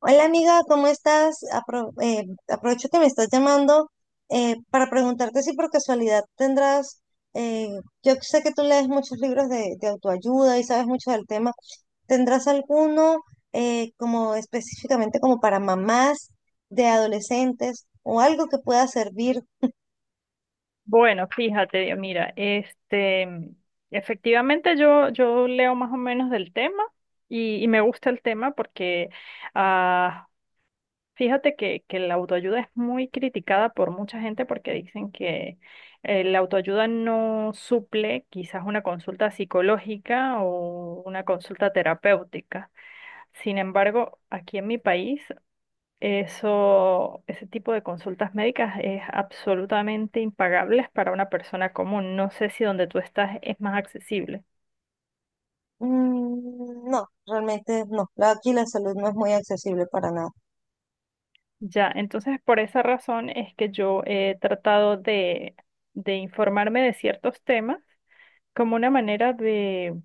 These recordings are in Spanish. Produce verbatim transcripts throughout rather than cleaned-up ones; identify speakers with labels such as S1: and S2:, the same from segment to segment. S1: Hola amiga, ¿cómo estás? Apro- eh, aprovecho que me estás llamando eh, para preguntarte si por casualidad tendrás, eh, yo sé que tú lees muchos libros de, de autoayuda y sabes mucho del tema, ¿tendrás alguno eh, como específicamente como para mamás de adolescentes o algo que pueda servir?
S2: Bueno, fíjate, Dios, mira, este, efectivamente yo, yo leo más o menos del tema y, y me gusta el tema porque ah, fíjate que, que la autoayuda es muy criticada por mucha gente porque dicen que eh, la autoayuda no suple quizás una consulta psicológica o una consulta terapéutica. Sin embargo, aquí en mi país eso, ese tipo de consultas médicas es absolutamente impagable para una persona común. No sé si donde tú estás es más accesible.
S1: Mm, no, realmente no. La- Aquí la salud no es muy accesible para nada.
S2: Ya, entonces por esa razón es que yo he tratado de, de informarme de ciertos temas como una manera de,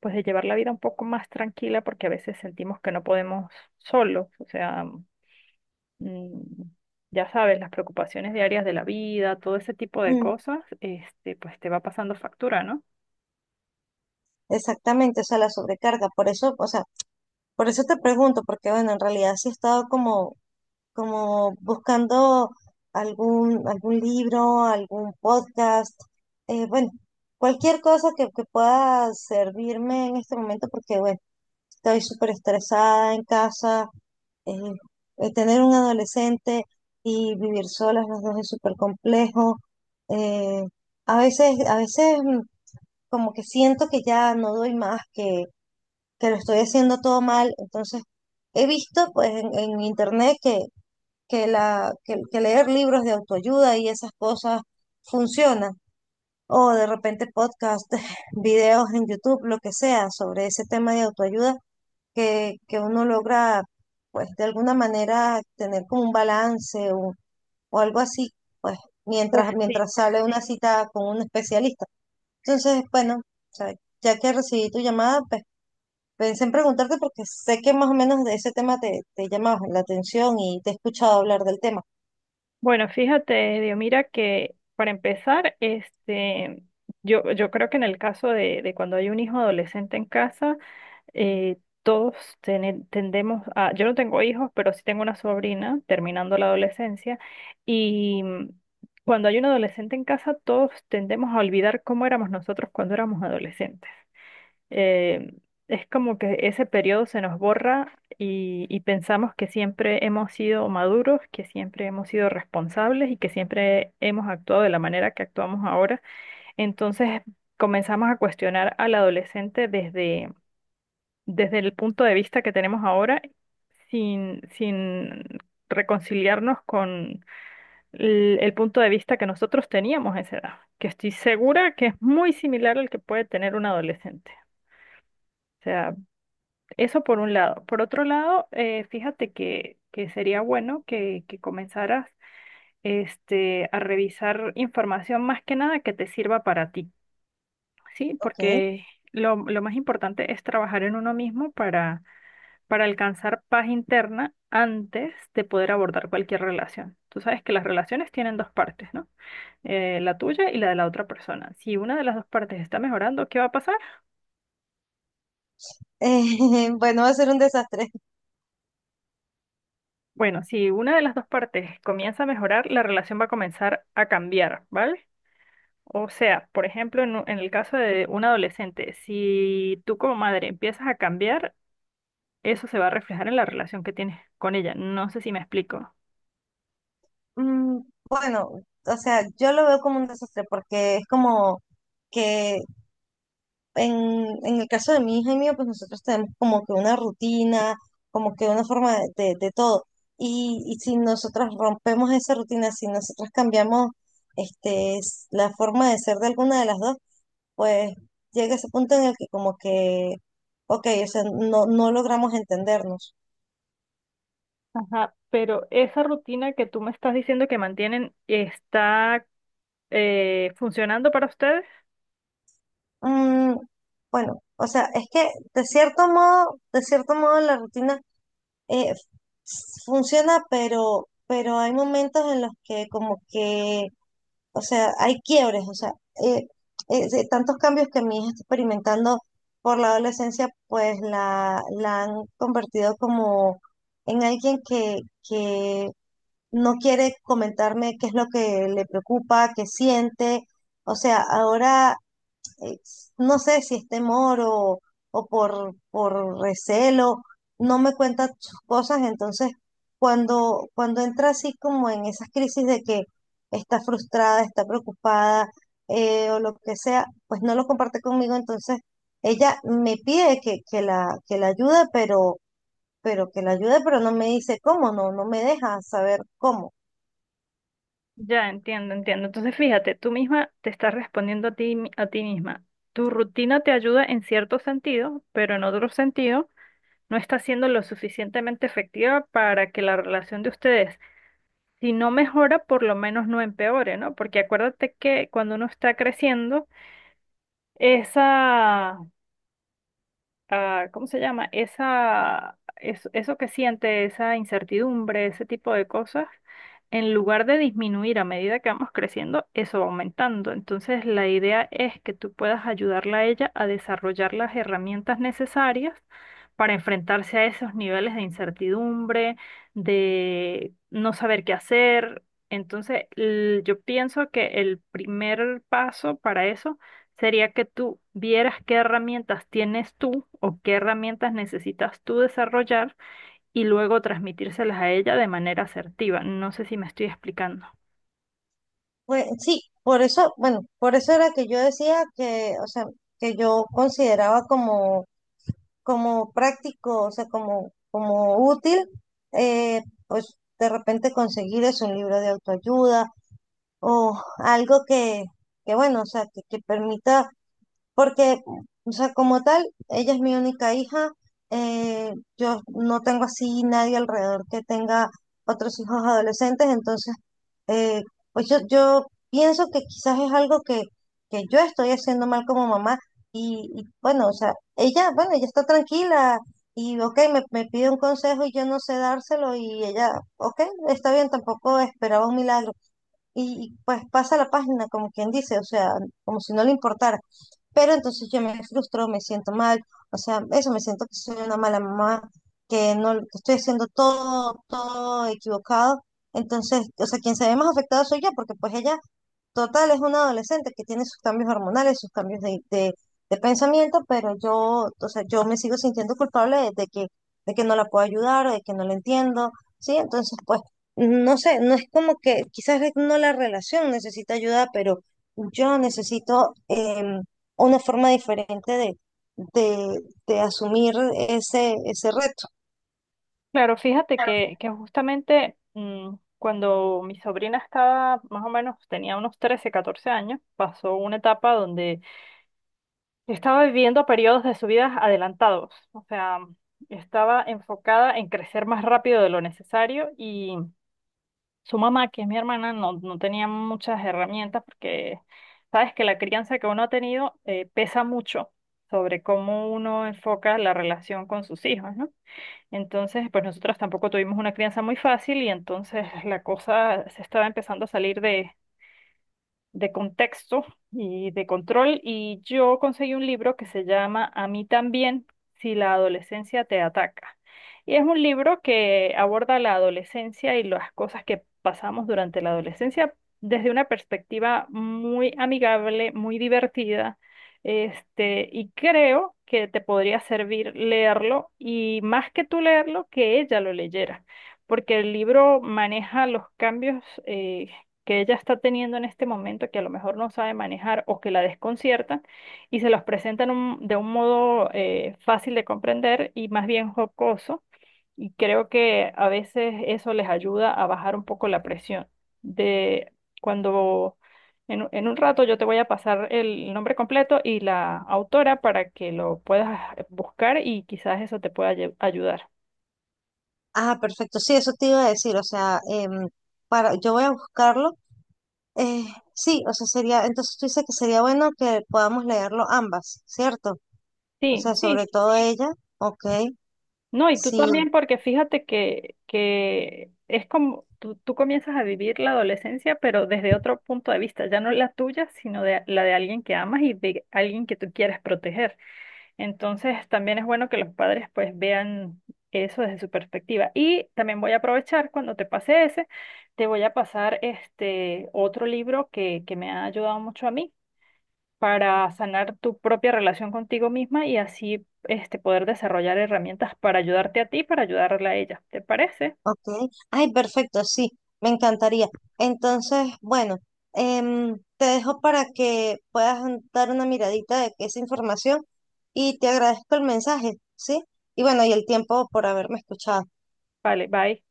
S2: pues, de llevar la vida un poco más tranquila porque a veces sentimos que no podemos solos. O sea, mm, ya sabes, las preocupaciones diarias de la vida, todo ese tipo de
S1: Mm,
S2: cosas, este, pues te va pasando factura, ¿no?
S1: exactamente, o sea, la sobrecarga. Por eso, o sea, por eso te pregunto, porque bueno, en realidad sí he estado como, como buscando algún, algún libro, algún podcast, eh, bueno, cualquier cosa que, que pueda servirme en este momento, porque bueno, estoy súper estresada en casa, eh, eh, tener un adolescente y vivir solas los dos es súper complejo. eh, a veces, a veces mm, como que siento que ya no doy más, que que lo estoy haciendo todo mal. Entonces, he visto pues en, en internet que, que, la, que, que leer libros de autoayuda y esas cosas funcionan. O de repente podcast, videos en YouTube, lo que sea, sobre ese tema de autoayuda, que, que uno logra, pues de alguna manera, tener como un balance o, o algo así, pues
S2: Pues
S1: mientras,
S2: sí.
S1: mientras sale una cita con un especialista. Entonces, bueno, o sea, ya que recibí tu llamada, pues pensé en preguntarte porque sé que más o menos de ese tema te, te llama la atención y te he escuchado hablar del tema.
S2: Bueno, fíjate, Dios, mira que para empezar, este, yo, yo creo que en el caso de, de cuando hay un hijo adolescente en casa, eh, todos tene- tendemos a, yo no tengo hijos, pero sí tengo una sobrina terminando la adolescencia, y mm, cuando hay un adolescente en casa, todos tendemos a olvidar cómo éramos nosotros cuando éramos adolescentes. Eh, es como que ese periodo se nos borra y, y pensamos que siempre hemos sido maduros, que siempre hemos sido responsables y que siempre hemos actuado de la manera que actuamos ahora. Entonces comenzamos a cuestionar al adolescente desde, desde el punto de vista que tenemos ahora, sin, sin reconciliarnos con el, el punto de vista que nosotros teníamos a esa edad, que estoy segura que es muy similar al que puede tener un adolescente. O sea, eso por un lado. Por otro lado, eh, fíjate que, que sería bueno que, que comenzaras este, a revisar información más que nada que te sirva para ti, ¿sí?
S1: Ok. Eh,
S2: Porque lo, lo más importante es trabajar en uno mismo para, para alcanzar paz interna antes de poder abordar cualquier relación. Tú sabes que las relaciones tienen dos partes, ¿no? Eh, la tuya y la de la otra persona. Si una de las dos partes está mejorando, ¿qué va a pasar?
S1: bueno, va a ser un desastre.
S2: Bueno, si una de las dos partes comienza a mejorar, la relación va a comenzar a cambiar, ¿vale? O sea, por ejemplo, en, u- en el caso de un adolescente, si tú como madre empiezas a cambiar, eso se va a reflejar en la relación que tienes con ella. No sé si me explico.
S1: Mm, bueno, o sea, yo lo veo como un desastre porque es como que en, en el caso de mi hija y mío, pues nosotros tenemos como que una rutina, como que una forma de, de- de todo. Y, y si nosotros rompemos esa rutina, si nosotros cambiamos este, s- la forma de ser de alguna de las dos, pues llega ese punto en el que como que, ok, o sea, no, no logramos entendernos.
S2: Ajá, pero esa rutina que tú me estás diciendo que mantienen está eh, funcionando para ustedes.
S1: Mm, bueno, o sea, es que de cierto modo, de cierto modo la rutina eh, f- funciona, pero, pero hay momentos en los que como que, o sea, hay quiebres, o sea, eh, eh, de tantos cambios que mi hija está experimentando por la adolescencia, pues la, la han convertido como en alguien que, que no quiere comentarme qué es lo que le preocupa, qué siente. O sea, ahora eh, no sé si es temor o, o por, por recelo, no me cuenta sus cosas. Entonces, cuando, cuando entra así como en esas crisis de que está frustrada, está preocupada eh, o lo que sea, pues no lo comparte conmigo. Entonces, ella me pide que, que la, que la ayude, pero, pero que la ayude, pero no me dice cómo, no, no me deja saber cómo.
S2: Ya entiendo, entiendo. Entonces, fíjate, tú misma te estás respondiendo a ti, mi- a ti misma. Tu rutina te ayuda en cierto sentido, pero en otro sentido no está siendo lo suficientemente efectiva para que la relación de ustedes, si no mejora, por lo menos no empeore, ¿no? Porque acuérdate que cuando uno está creciendo, esa ah, ¿cómo se llama? Esa, es- eso que siente, esa incertidumbre, ese tipo de cosas, en lugar de disminuir a medida que vamos creciendo, eso va aumentando. Entonces, la idea es que tú puedas ayudarla a ella a desarrollar las herramientas necesarias para enfrentarse a esos niveles de incertidumbre, de no saber qué hacer. Entonces, l- yo pienso que el primer paso para eso sería que tú vieras qué herramientas tienes tú o qué herramientas necesitas tú desarrollar y luego transmitírselas a ella de manera asertiva. No sé si me estoy explicando.
S1: Pues sí, por eso, bueno, por eso era que yo decía que, o sea, que yo consideraba como, como práctico, o sea, como, como útil, eh, pues de repente conseguir es un libro de autoayuda o algo que, que bueno, o sea, que, que permita porque, o sea, como tal, ella es mi única hija. Eh, yo no tengo así nadie alrededor que tenga otros hijos adolescentes. Entonces, eh, pues yo, yo pienso que quizás es algo que, que yo estoy haciendo mal como mamá. Y, y bueno, o sea, ella, bueno, ella está tranquila. Y, ok, me, me pide un consejo y yo no sé dárselo. Y ella, ok, está bien, tampoco esperaba un milagro y pues pasa la página, como quien dice, o sea, como si no le importara. Pero entonces yo me frustro, me siento mal, o sea, eso me siento que soy una mala mamá, que no que estoy haciendo todo, todo equivocado. Entonces, o sea, quien se ve más afectado soy yo, porque pues ella total, es un adolescente que tiene sus cambios hormonales, sus cambios de, de- de pensamiento, pero yo, o sea, yo me sigo sintiendo culpable de, de que, de que no la puedo ayudar, de que no la entiendo, ¿sí? Entonces, pues, no sé, no es como que quizás es no la relación necesita ayuda, pero yo necesito em, una forma diferente de, de, de asumir ese, ese reto.
S2: Claro, fíjate que, que justamente mm, cuando mi sobrina estaba más o menos, tenía unos trece, catorce años, pasó una etapa donde estaba viviendo periodos de su vida adelantados, o sea, estaba enfocada en crecer más rápido de lo necesario y su mamá, que es mi hermana, no, no tenía muchas herramientas porque sabes que la crianza que uno ha tenido eh, pesa mucho sobre cómo uno enfoca la relación con sus hijos, ¿no? Entonces, pues nosotros tampoco tuvimos una crianza muy fácil y entonces la cosa se estaba empezando a salir de, de contexto y de control y yo conseguí un libro que se llama A mí también, si la adolescencia te ataca. Y es un libro que aborda la adolescencia y las cosas que pasamos durante la adolescencia desde una perspectiva muy amigable, muy divertida. Este, y creo que te podría servir leerlo y más que tú leerlo, que ella lo leyera, porque el libro maneja los cambios eh, que ella está teniendo en este momento, que a lo mejor no sabe manejar o que la desconciertan, y se los presentan un- de un modo eh, fácil de comprender y más bien jocoso, y creo que a veces eso les ayuda a bajar un poco la presión de cuando... En, en un rato yo te voy a pasar el nombre completo y la autora para que lo puedas buscar y quizás eso te pueda ayu- ayudar.
S1: Ah, perfecto, sí, eso te iba a decir, o sea, em, para, yo voy a buscarlo. Eh, sí, o sea, sería, entonces tú dices que sería bueno que podamos leerlo ambas, ¿cierto? O
S2: Sí,
S1: sea,
S2: sí.
S1: sobre todo ella, ok,
S2: No, y tú
S1: sí,
S2: también, porque fíjate que, que es como tú, tú comienzas a vivir la adolescencia, pero desde otro punto de vista, ya no la tuya, sino de, la de alguien que amas y de alguien que tú quieres proteger. Entonces, también es bueno que los padres pues vean eso desde su perspectiva. Y también voy a aprovechar cuando te pase ese, te voy a pasar este otro libro que, que me ha ayudado mucho a mí para sanar tu propia relación contigo misma y así este, poder desarrollar herramientas para ayudarte a ti, para ayudarle a ella. ¿Te parece?
S1: ok. Ay, perfecto, sí, me encantaría. Entonces, bueno, em, te dejo para que puedas dar una miradita de esa información y te agradezco el mensaje, ¿sí? Y bueno, y el tiempo por haberme escuchado.
S2: Vale, bye.